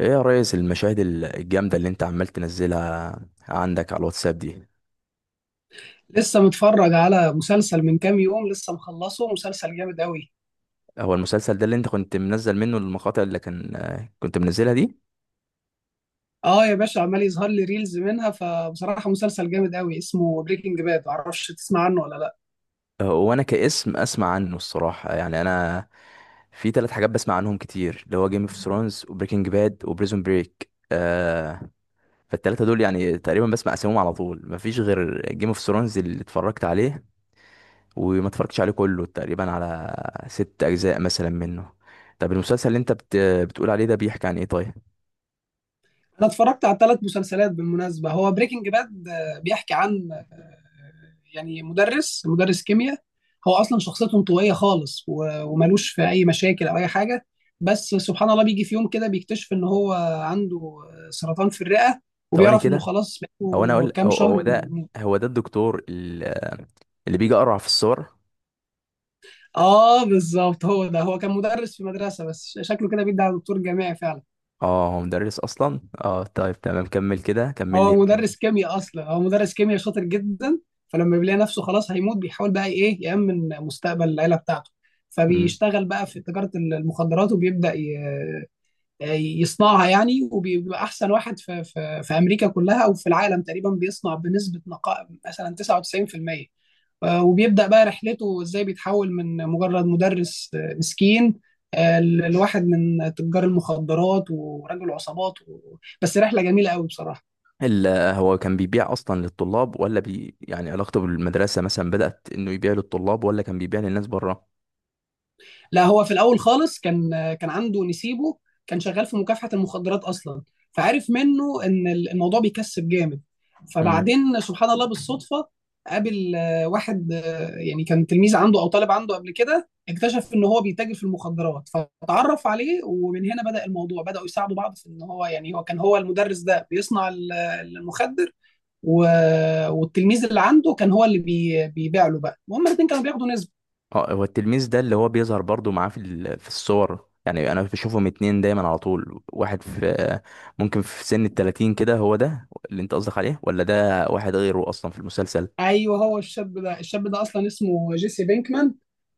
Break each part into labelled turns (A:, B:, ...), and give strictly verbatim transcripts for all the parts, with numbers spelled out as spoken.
A: ايه يا ريس، المشاهد ال- الجامدة اللي انت عمال تنزلها عندك على الواتساب دي.
B: لسه متفرج على مسلسل من كام يوم. لسه مخلصه مسلسل جامد قوي.
A: هو المسلسل ده اللي انت كنت منزل منه المقاطع اللي كان آه، كنت منزلها دي؟
B: اه يا باشا، عمال يظهر لي ريلز منها. فبصراحة مسلسل جامد قوي اسمه بريكنج باد. معرفش تسمع عنه ولا لا.
A: آه، وانا كاسم اسمع عنه الصراحة، يعني انا في ثلاث حاجات بسمع عنهم كتير، اللي هو جيم اوف ثرونز وبريكنج باد وبريزون بريك آه فالتلاتة دول يعني تقريبا بسمع اسمهم على طول، مفيش غير جيم اوف ثرونز اللي اتفرجت عليه، وما اتفرجتش عليه كله، تقريبا على ست اجزاء مثلا منه. طب المسلسل اللي انت بت... بتقول عليه ده بيحكي عن ايه طيب؟
B: انا اتفرجت على ثلاث مسلسلات بالمناسبة. هو بريكنج باد بيحكي عن آه، يعني مدرس مدرس كيمياء. هو اصلا شخصيته انطوائية خالص و- وملوش في اي مشاكل او اي حاجة. بس سبحان الله، بيجي في يوم كده بيكتشف ان هو عنده آه، سرطان في الرئة.
A: ثواني
B: وبيعرف انه
A: كده،
B: خلاص
A: هو انا
B: بقاله
A: اقول
B: كام
A: هو هو
B: شهر.
A: ده هو ده الدكتور ال- اللي بيجي اقرع في الصور؟
B: اه بالظبط، هو ده. هو كان مدرس في مدرسه، بس ش- شكله كده بيدعي على دكتور جامعي فعلا.
A: اه، هو مدرس اصلا. اه طيب تمام، كمل كده، كمل لي
B: هو
A: يمكن.
B: مدرس كيمياء اصلا، هو مدرس كيمياء شاطر جدا. فلما بيلاقي نفسه خلاص هيموت بيحاول بقى ايه يأمن مستقبل العيله بتاعته.
A: امم
B: فبيشتغل بقى في تجاره ال- المخدرات، وبيبدأ ي- يصنعها يعني. وبيبقى احسن واحد في في في امريكا كلها او في العالم تقريبا، بيصنع بنسبه نقاء مثلا تسعة وتسعين في المية. آه، وبيبدأ بقى رحلته ازاي بيتحول من مجرد مدرس آه، مسكين، آه، ل- لواحد من تجار المخدرات ورجل عصابات و... بس رحلة جميلة قوي بصراحة.
A: ال- هو كان بيبيع اصلا للطلاب، ولا بي يعني علاقته بالمدرسه مثلا بدات انه يبيع للطلاب، ولا كان بيبيع للناس بره؟
B: لا، هو في الاول خالص كان كان عنده نسيبه كان شغال في مكافحه المخدرات اصلا، فعرف منه ان الموضوع بيكسب جامد.
A: امم
B: فبعدين سبحان الله بالصدفه قابل آه، واحد، آه، يعني كان تلميذ عنده او طالب عنده قبل كده، اكتشف ان هو بيتاجر في المخدرات فتعرف عليه، ومن هنا بدأ الموضوع. بدأوا يساعدوا بعض في ان هو، يعني هو كان، هو المدرس ده بيصنع ال- المخدر، و... والتلميذ اللي عنده كان هو اللي بي... بيبيع له بقى، وهم الاثنين كانوا بياخدوا نسبة.
A: اه، هو التلميذ ده اللي هو بيظهر برضو معاه في ال- في الصور، يعني انا بشوفهم اتنين دايما على طول، واحد في ممكن في سن التلاتين كده، هو ده اللي انت قصدك عليه، ولا ده واحد غيره اصلا في المسلسل؟
B: ايوه، هو الشاب ده. الشاب ده اصلا اسمه جيسي بينكمان.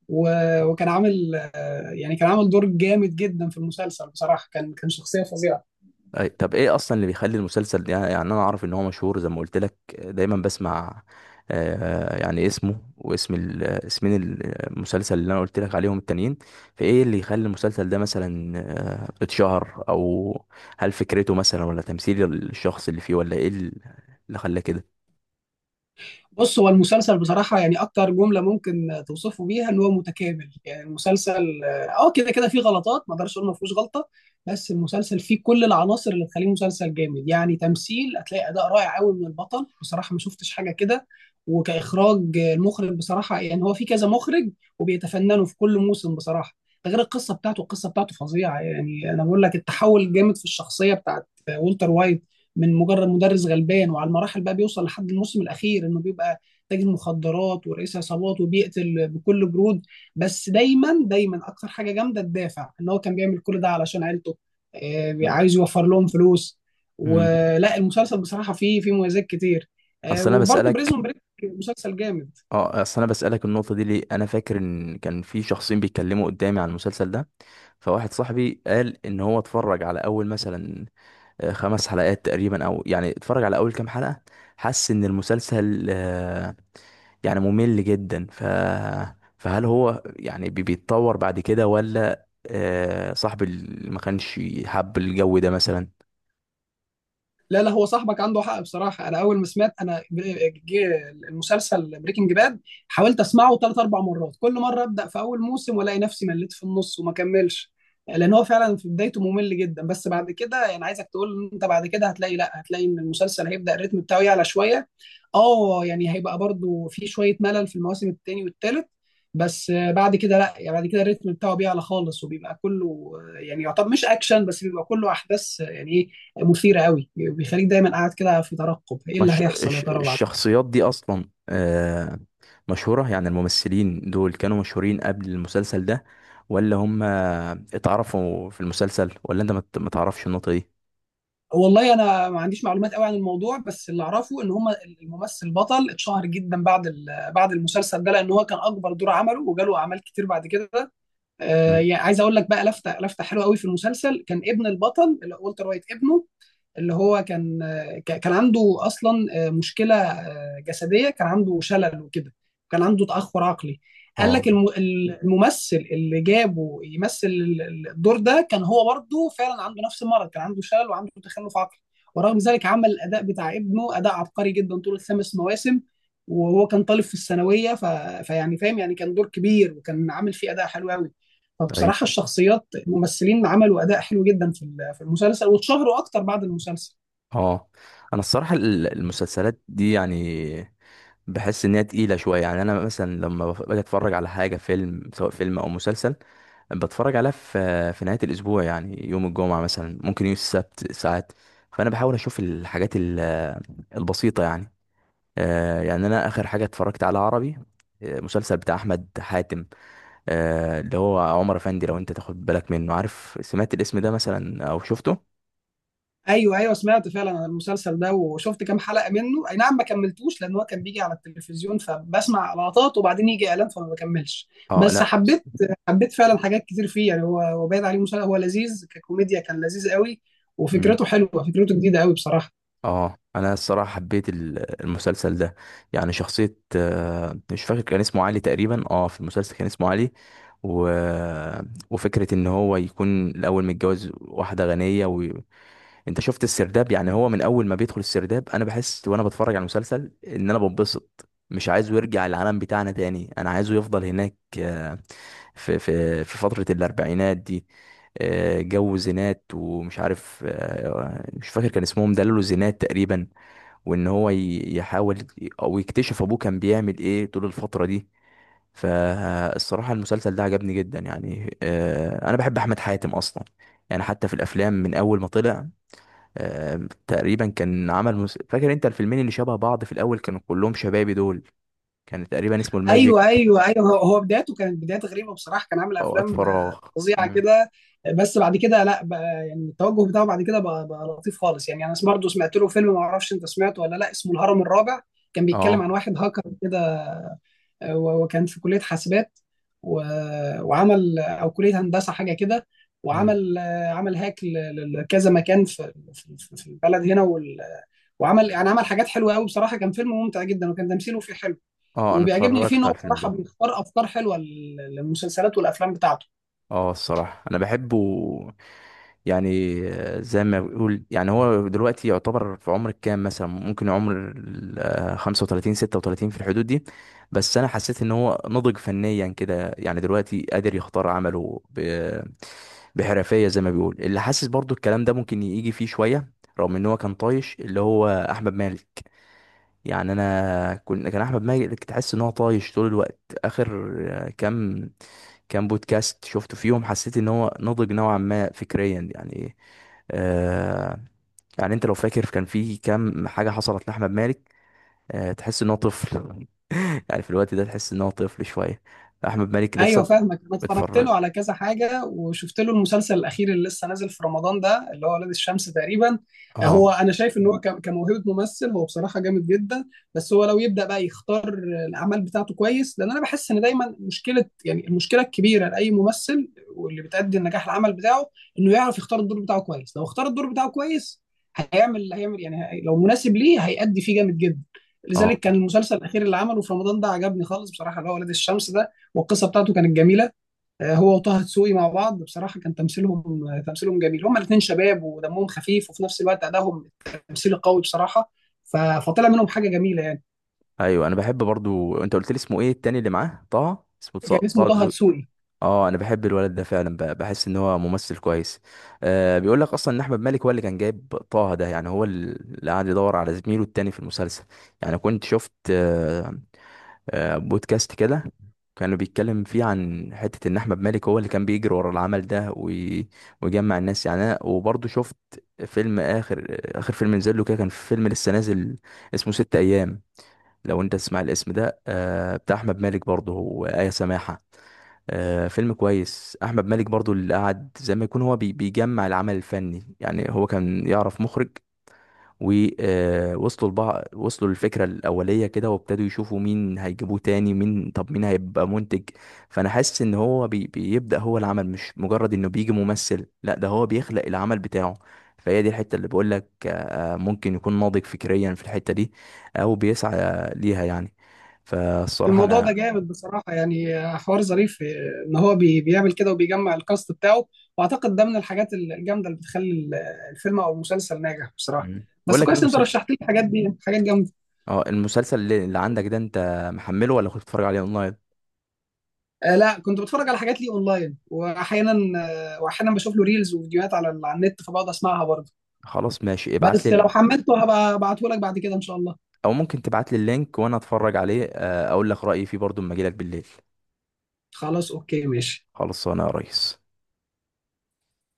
B: و... وكان عامل، آه، يعني كان عامل دور جامد جدا في المسلسل بصراحه. كان كان شخصيه فظيعه.
A: أي، طب ايه اصلا اللي بيخلي المسلسل ده، يعني انا اعرف ان هو مشهور، زي ما قلت لك دايما بسمع آه يعني اسمه واسم ال- اسمين المسلسل اللي انا قلت لك عليهم التانيين. فايه اللي يخلي المسلسل ده مثلا آه اتشهر، او هل فكرته مثلا، ولا تمثيل الشخص اللي فيه، ولا ايه اللي خلاه كده؟
B: بص، هو المسلسل بصراحة يعني أكتر جملة ممكن توصفه بيها إن هو متكامل يعني. المسلسل أه كده كده فيه غلطات، ما أقدرش أقول ما فيهوش غلطة. بس المسلسل فيه كل العناصر اللي تخليه مسلسل جامد. يعني تمثيل، هتلاقي أداء رائع قوي من البطل بصراحة، ما شفتش حاجة كده. وكإخراج، المخرج بصراحة يعني هو في كذا مخرج، وبيتفننوا في كل موسم بصراحة. ده غير القصة بتاعته، القصة بتاعته فظيعة. يعني أنا بقول لك، التحول الجامد في الشخصية بتاعت والتر وايت، من مجرد مدرس غلبان، وعلى المراحل بقى بيوصل لحد الموسم الاخير انه بيبقى تاجر مخدرات ورئيس عصابات وبيقتل بكل برود. بس دايما دايما اكتر حاجه جامده الدافع، ان هو كان بيعمل كل ده علشان عيلته. آه، عايز يوفر لهم فلوس.
A: امم
B: ولا المسلسل بصراحه فيه فيه مميزات كتير. آه،
A: اصل انا
B: وبرده
A: بسألك
B: بريزون بريك مسلسل جامد.
A: اه اصل انا بسألك النقطة دي ليه، انا فاكر ان كان في شخصين بيتكلموا قدامي عن المسلسل ده، فواحد صاحبي قال ان هو اتفرج على اول مثلا آه، خمس حلقات تقريبا، او يعني اتفرج على اول كام حلقة، حس ان المسلسل آه، يعني ممل جدا. ف فهل هو يعني بي- بيتطور بعد كده، ولا آه، صاحب ال- ما كانش حب الجو ده مثلا؟
B: لا لا، هو صاحبك عنده حق بصراحه. انا اول ما سمعت، انا جه المسلسل بريكنج باد حاولت اسمعه ثلاث اربع مرات. كل مره ابدا في اول موسم والاقي نفسي مليت في النص وما كملش، لان هو فعلا في بدايته ممل جدا. بس بعد كده يعني عايزك تقول إن انت بعد كده هتلاقي، لا، هتلاقي ان المسلسل هيبدا الريتم بتاعه يعلى شويه. اه، يعني هيبقى برضو في شويه ملل في المواسم التاني والتالت، بس بعد كده لا. يعني بعد كده الريتم بتاعه بيعلى خالص، وبيبقى كله يعني يعتبر مش اكشن، بس بيبقى كله احداث، يعني ايه، مثيره قوي. بيخليك دايما قاعد كده في ترقب ايه اللي
A: مش
B: هيحصل يا
A: الش-
B: ترى بعد.
A: الشخصيات دي اصلا آه، مشهورة، يعني الممثلين دول كانوا مشهورين قبل المسلسل ده، ولا هم اتعرفوا في المسلسل، ولا انت ما ت- ما تعرفش النقطة دي؟
B: والله انا ما عنديش معلومات قوي عن الموضوع، بس اللي اعرفه ان هم، الممثل البطل اتشهر جدا بعد، ال- بعد المسلسل ده، لان هو كان اكبر دور عمله، وجاله اعمال كتير بعد كده. آه
A: مم.
B: يعني عايز اقول لك بقى لفته لفته حلوه قوي في المسلسل. كان ابن البطل اللي هو والتر وايت، ابنه اللي هو كان ك- كان عنده اصلا آه، مشكله آه، جسديه. كان عنده شلل وكده. كان عنده تاخر عقلي. قال
A: اه،
B: لك الم- الممثل اللي جابه يمثل ال- ال- الدور ده كان هو برضه فعلا عنده نفس المرض. كان عنده شلل وعنده تخلف عقلي. ورغم ذلك عمل الاداء بتاع ابنه اداء عبقري جدا طول الخمس مواسم، وهو كان طالب في الثانويه. ف... فيعني فاهم، يعني كان دور كبير وكان عامل فيه اداء حلو قوي.
A: ايوه،
B: فبصراحه الشخصيات، الممثلين عملوا اداء حلو جدا في ال- في المسلسل، واتشهروا اكتر بعد المسلسل.
A: اه، انا الصراحه ال- المسلسلات دي يعني بحس ان هي تقيله شويه، يعني انا مثلا لما بف- باجي اتفرج على حاجه، فيلم، سواء فيلم او مسلسل، بتفرج عليها في في نهايه الاسبوع، يعني يوم الجمعه مثلا، ممكن يوم السبت ساعات، فانا بحاول اشوف الحاجات ال- البسيطه يعني. آه يعني انا اخر حاجه اتفرجت على عربي آه، مسلسل بتاع احمد حاتم، آه اللي هو عمر افندي، لو انت تاخد بالك منه، عارف، سمعت الاسم ده مثلا او شفته؟
B: ايوه ايوه، سمعت فعلا عن المسلسل ده وشفت كام حلقه منه. اي نعم ما كملتوش لان هو كان بيجي على التلفزيون فبسمع لقطات، وبعدين يجي اعلان فما بكملش.
A: اه،
B: بس
A: لا،
B: حبيت حبيت فعلا حاجات كتير فيه. يعني هو هو باين عليه مسلسل. هو لذيذ، ككوميديا كان لذيذ قوي. وفكرته حلوه، فكرته جديده قوي بصراحه.
A: اه، انا الصراحه حبيت ال- المسلسل ده، يعني شخصيه آه، مش فاكر كان اسمه علي تقريبا، اه في المسلسل كان اسمه علي. و... وفكره ان هو يكون الاول متجوز واحده غنيه، انت شفت السرداب؟ يعني هو من اول ما بيدخل السرداب انا بحس وانا بتفرج على المسلسل ان انا بنبسط، مش عايزه يرجع العالم بتاعنا تاني، انا عايزه يفضل هناك آه، في في في فترة الاربعينات دي، آه، جو زينات ومش عارف، آه، مش فاكر كان اسمهم دللو زينات تقريبا. وان هو ي- يحاول او يكتشف ابوه كان بيعمل ايه طول الفترة دي. فالصراحة المسلسل ده عجبني جدا، يعني آه، انا بحب احمد حاتم اصلا، يعني حتى في الافلام من اول ما طلع آه، تقريبا كان عمل مس... فاكر انت الفيلمين اللي شبه بعض في الاول، كانوا كلهم شبابي دول، كان تقريبا اسمه الماجيك،
B: ايوه ايوه ايوه، هو هو بدايته كانت بدايه غريبه بصراحه. كان عامل
A: اوقات
B: افلام آه،
A: فراغ.
B: فظيعه
A: مم.
B: كده. آه، بس بعد كده لا، بقى يعني التوجه بتاعه بعد كده بقى, بقى لطيف خالص. يعني انا برضه سمعت له فيلم، ما اعرفش انت سمعته ولا لا، اسمه الهرم الرابع. كان بيتكلم
A: اه.
B: عن واحد هاكر كده. آه، وكان في كليه حاسبات، و- وعمل، او كليه هندسه حاجه كده.
A: مم.
B: وعمل آه، عمل هاك ل- لكذا مكان في في في البلد هنا. وال- وعمل، يعني عمل حاجات حلوه قوي بصراحه. كان فيلم ممتع جدا وكان تمثيله فيه حلو.
A: اه، انا
B: وبيعجبني فيه ان
A: اتفرجت
B: هو
A: على الفيلم
B: بصراحه
A: ده.
B: بيختار افكار حلوه لل- للمسلسلات والافلام بتاعته.
A: اه الصراحة انا بحبه، يعني آه، زي ما بيقول، يعني هو دلوقتي يعتبر في عمر الكام مثلا، ممكن عمر ال- آه، خمسة وتلاتين ستة وتلاتين في الحدود دي، بس انا حسيت ان هو نضج فنيا كده، يعني دلوقتي قادر يختار عمله بحرفية، زي ما بيقول اللي حاسس، برضو الكلام ده ممكن يجي فيه شوية، رغم ان هو كان طايش، اللي هو احمد مالك، يعني انا كنت، كان احمد مالك تحس ان هو طايش طول الوقت. اخر آه، كام كام بودكاست شفته فيهم، حسيت ان هو نضج نوعا ما فكريا يعني. آه يعني انت لو فاكر كان في كام حاجة حصلت لأحمد مالك، آه تحس ان هو طفل يعني في الوقت ده تحس ان هو طفل شوية، احمد مالك
B: ايوه
A: لسه
B: فاهمك. انا اتفرجت
A: بتفرج.
B: له على كذا حاجه، وشفت له المسلسل الاخير اللي لسه نازل في رمضان ده اللي هو ولاد الشمس تقريبا.
A: اه،
B: هو انا شايف ان هو ك- كموهبه ممثل هو بصراحه جامد جدا. بس هو لو يبدا بقى يختار الاعمال بتاعته كويس، لان انا بحس ان دايما مشكله، يعني المشكله الكبيره لاي ممثل واللي بتأدي النجاح العمل بتاعه، انه يعرف يختار الدور بتاعه كويس. لو اختار الدور بتاعه كويس هيعمل هيعمل يعني، هي- لو مناسب ليه هيأدي فيه جامد جدا.
A: اه،
B: لذلك كان المسلسل الاخير اللي عمله في رمضان ده عجبني خالص بصراحه، اللي هو ولاد الشمس ده. والقصه بتاعته كانت جميله. آه، هو وطه دسوقي مع بعض، بصراحه كان تمثيلهم، آه، تمثيلهم جميل. هما الاثنين شباب ودمهم خفيف، وفي نفس الوقت ادائهم التمثيل قوي بصراحه. ف- فطلع منهم حاجه جميله يعني.
A: ايوه، انا بحب برضو. انت قلت لي اسمه ايه التاني اللي معاه طه، اسمه تص-
B: كان اسمه
A: طه
B: طه
A: دسوقي؟
B: دسوقي.
A: اه انا بحب الولد ده فعلا، ب- بحس ان هو ممثل كويس. آه بيقول لك اصلا ان احمد مالك هو اللي كان جايب طه ده، يعني هو اللي قاعد يدور على زميله التاني في المسلسل، يعني كنت شفت آه آه بودكاست كده كانوا بيتكلم فيه عن حتة ان احمد مالك هو اللي كان بيجري ورا العمل ده، وي- ويجمع الناس يعني. انا وبرضه شفت فيلم اخر، اخر فيلم نزل له كده، كان فيلم لسه نازل اسمه ست ايام، لو انت تسمع الاسم ده، آه، بتاع احمد مالك برضه وآية سماحة، آه، فيلم كويس. احمد مالك برضه اللي قعد زي ما يكون هو بي- بيجمع العمل الفني، يعني هو كان يعرف مخرج ووصلوا لبعض، وصلوا للفكرة الأولية كده، وابتدوا يشوفوا مين هيجيبوه تاني، مين، طب مين هيبقى منتج. فأنا حاسس إن هو بي بيبدأ هو العمل، مش مجرد إنه بيجي ممثل، لا ده هو بيخلق العمل بتاعه. فهي دي الحتة اللي بقول لك آه، ممكن يكون ناضج فكريا في الحتة دي، أو بيسعى آه، ليها يعني. فالصراحة
B: الموضوع
A: أنا
B: ده جامد بصراحه. يعني آه، حوار ظريف، آه، ان هو بي- بيعمل كده وبيجمع الكاست بتاعه. واعتقد ده من الحاجات الجامده اللي بتخلي ال- الفيلم او المسلسل ناجح بصراحه.
A: مم. بقول
B: بس
A: لك إيه
B: كويس إن انت
A: المسلسل.
B: رشحت لي الحاجات دي، حاجات جامده.
A: اه المسلسل اللي اللي عندك ده، انت محمله ولا كنت بتتفرج عليه اونلاين؟
B: آه لا، كنت بتفرج على حاجات ليه اونلاين. واحيانا، آه واحيانا بشوف له ريلز وفيديوهات على على النت، فبقعد اسمعها برضه.
A: خلاص ماشي، ابعت
B: بس لو
A: لي،
B: حملته هبقى ابعته لك بعد كده ان شاء الله.
A: او ممكن تبعت لي اللينك وانا اتفرج عليه، آه، اقول لك رايي فيه برضو اما اجي لك بالليل.
B: خلاص، اوكي ماشي.
A: خلصانه يا ريس.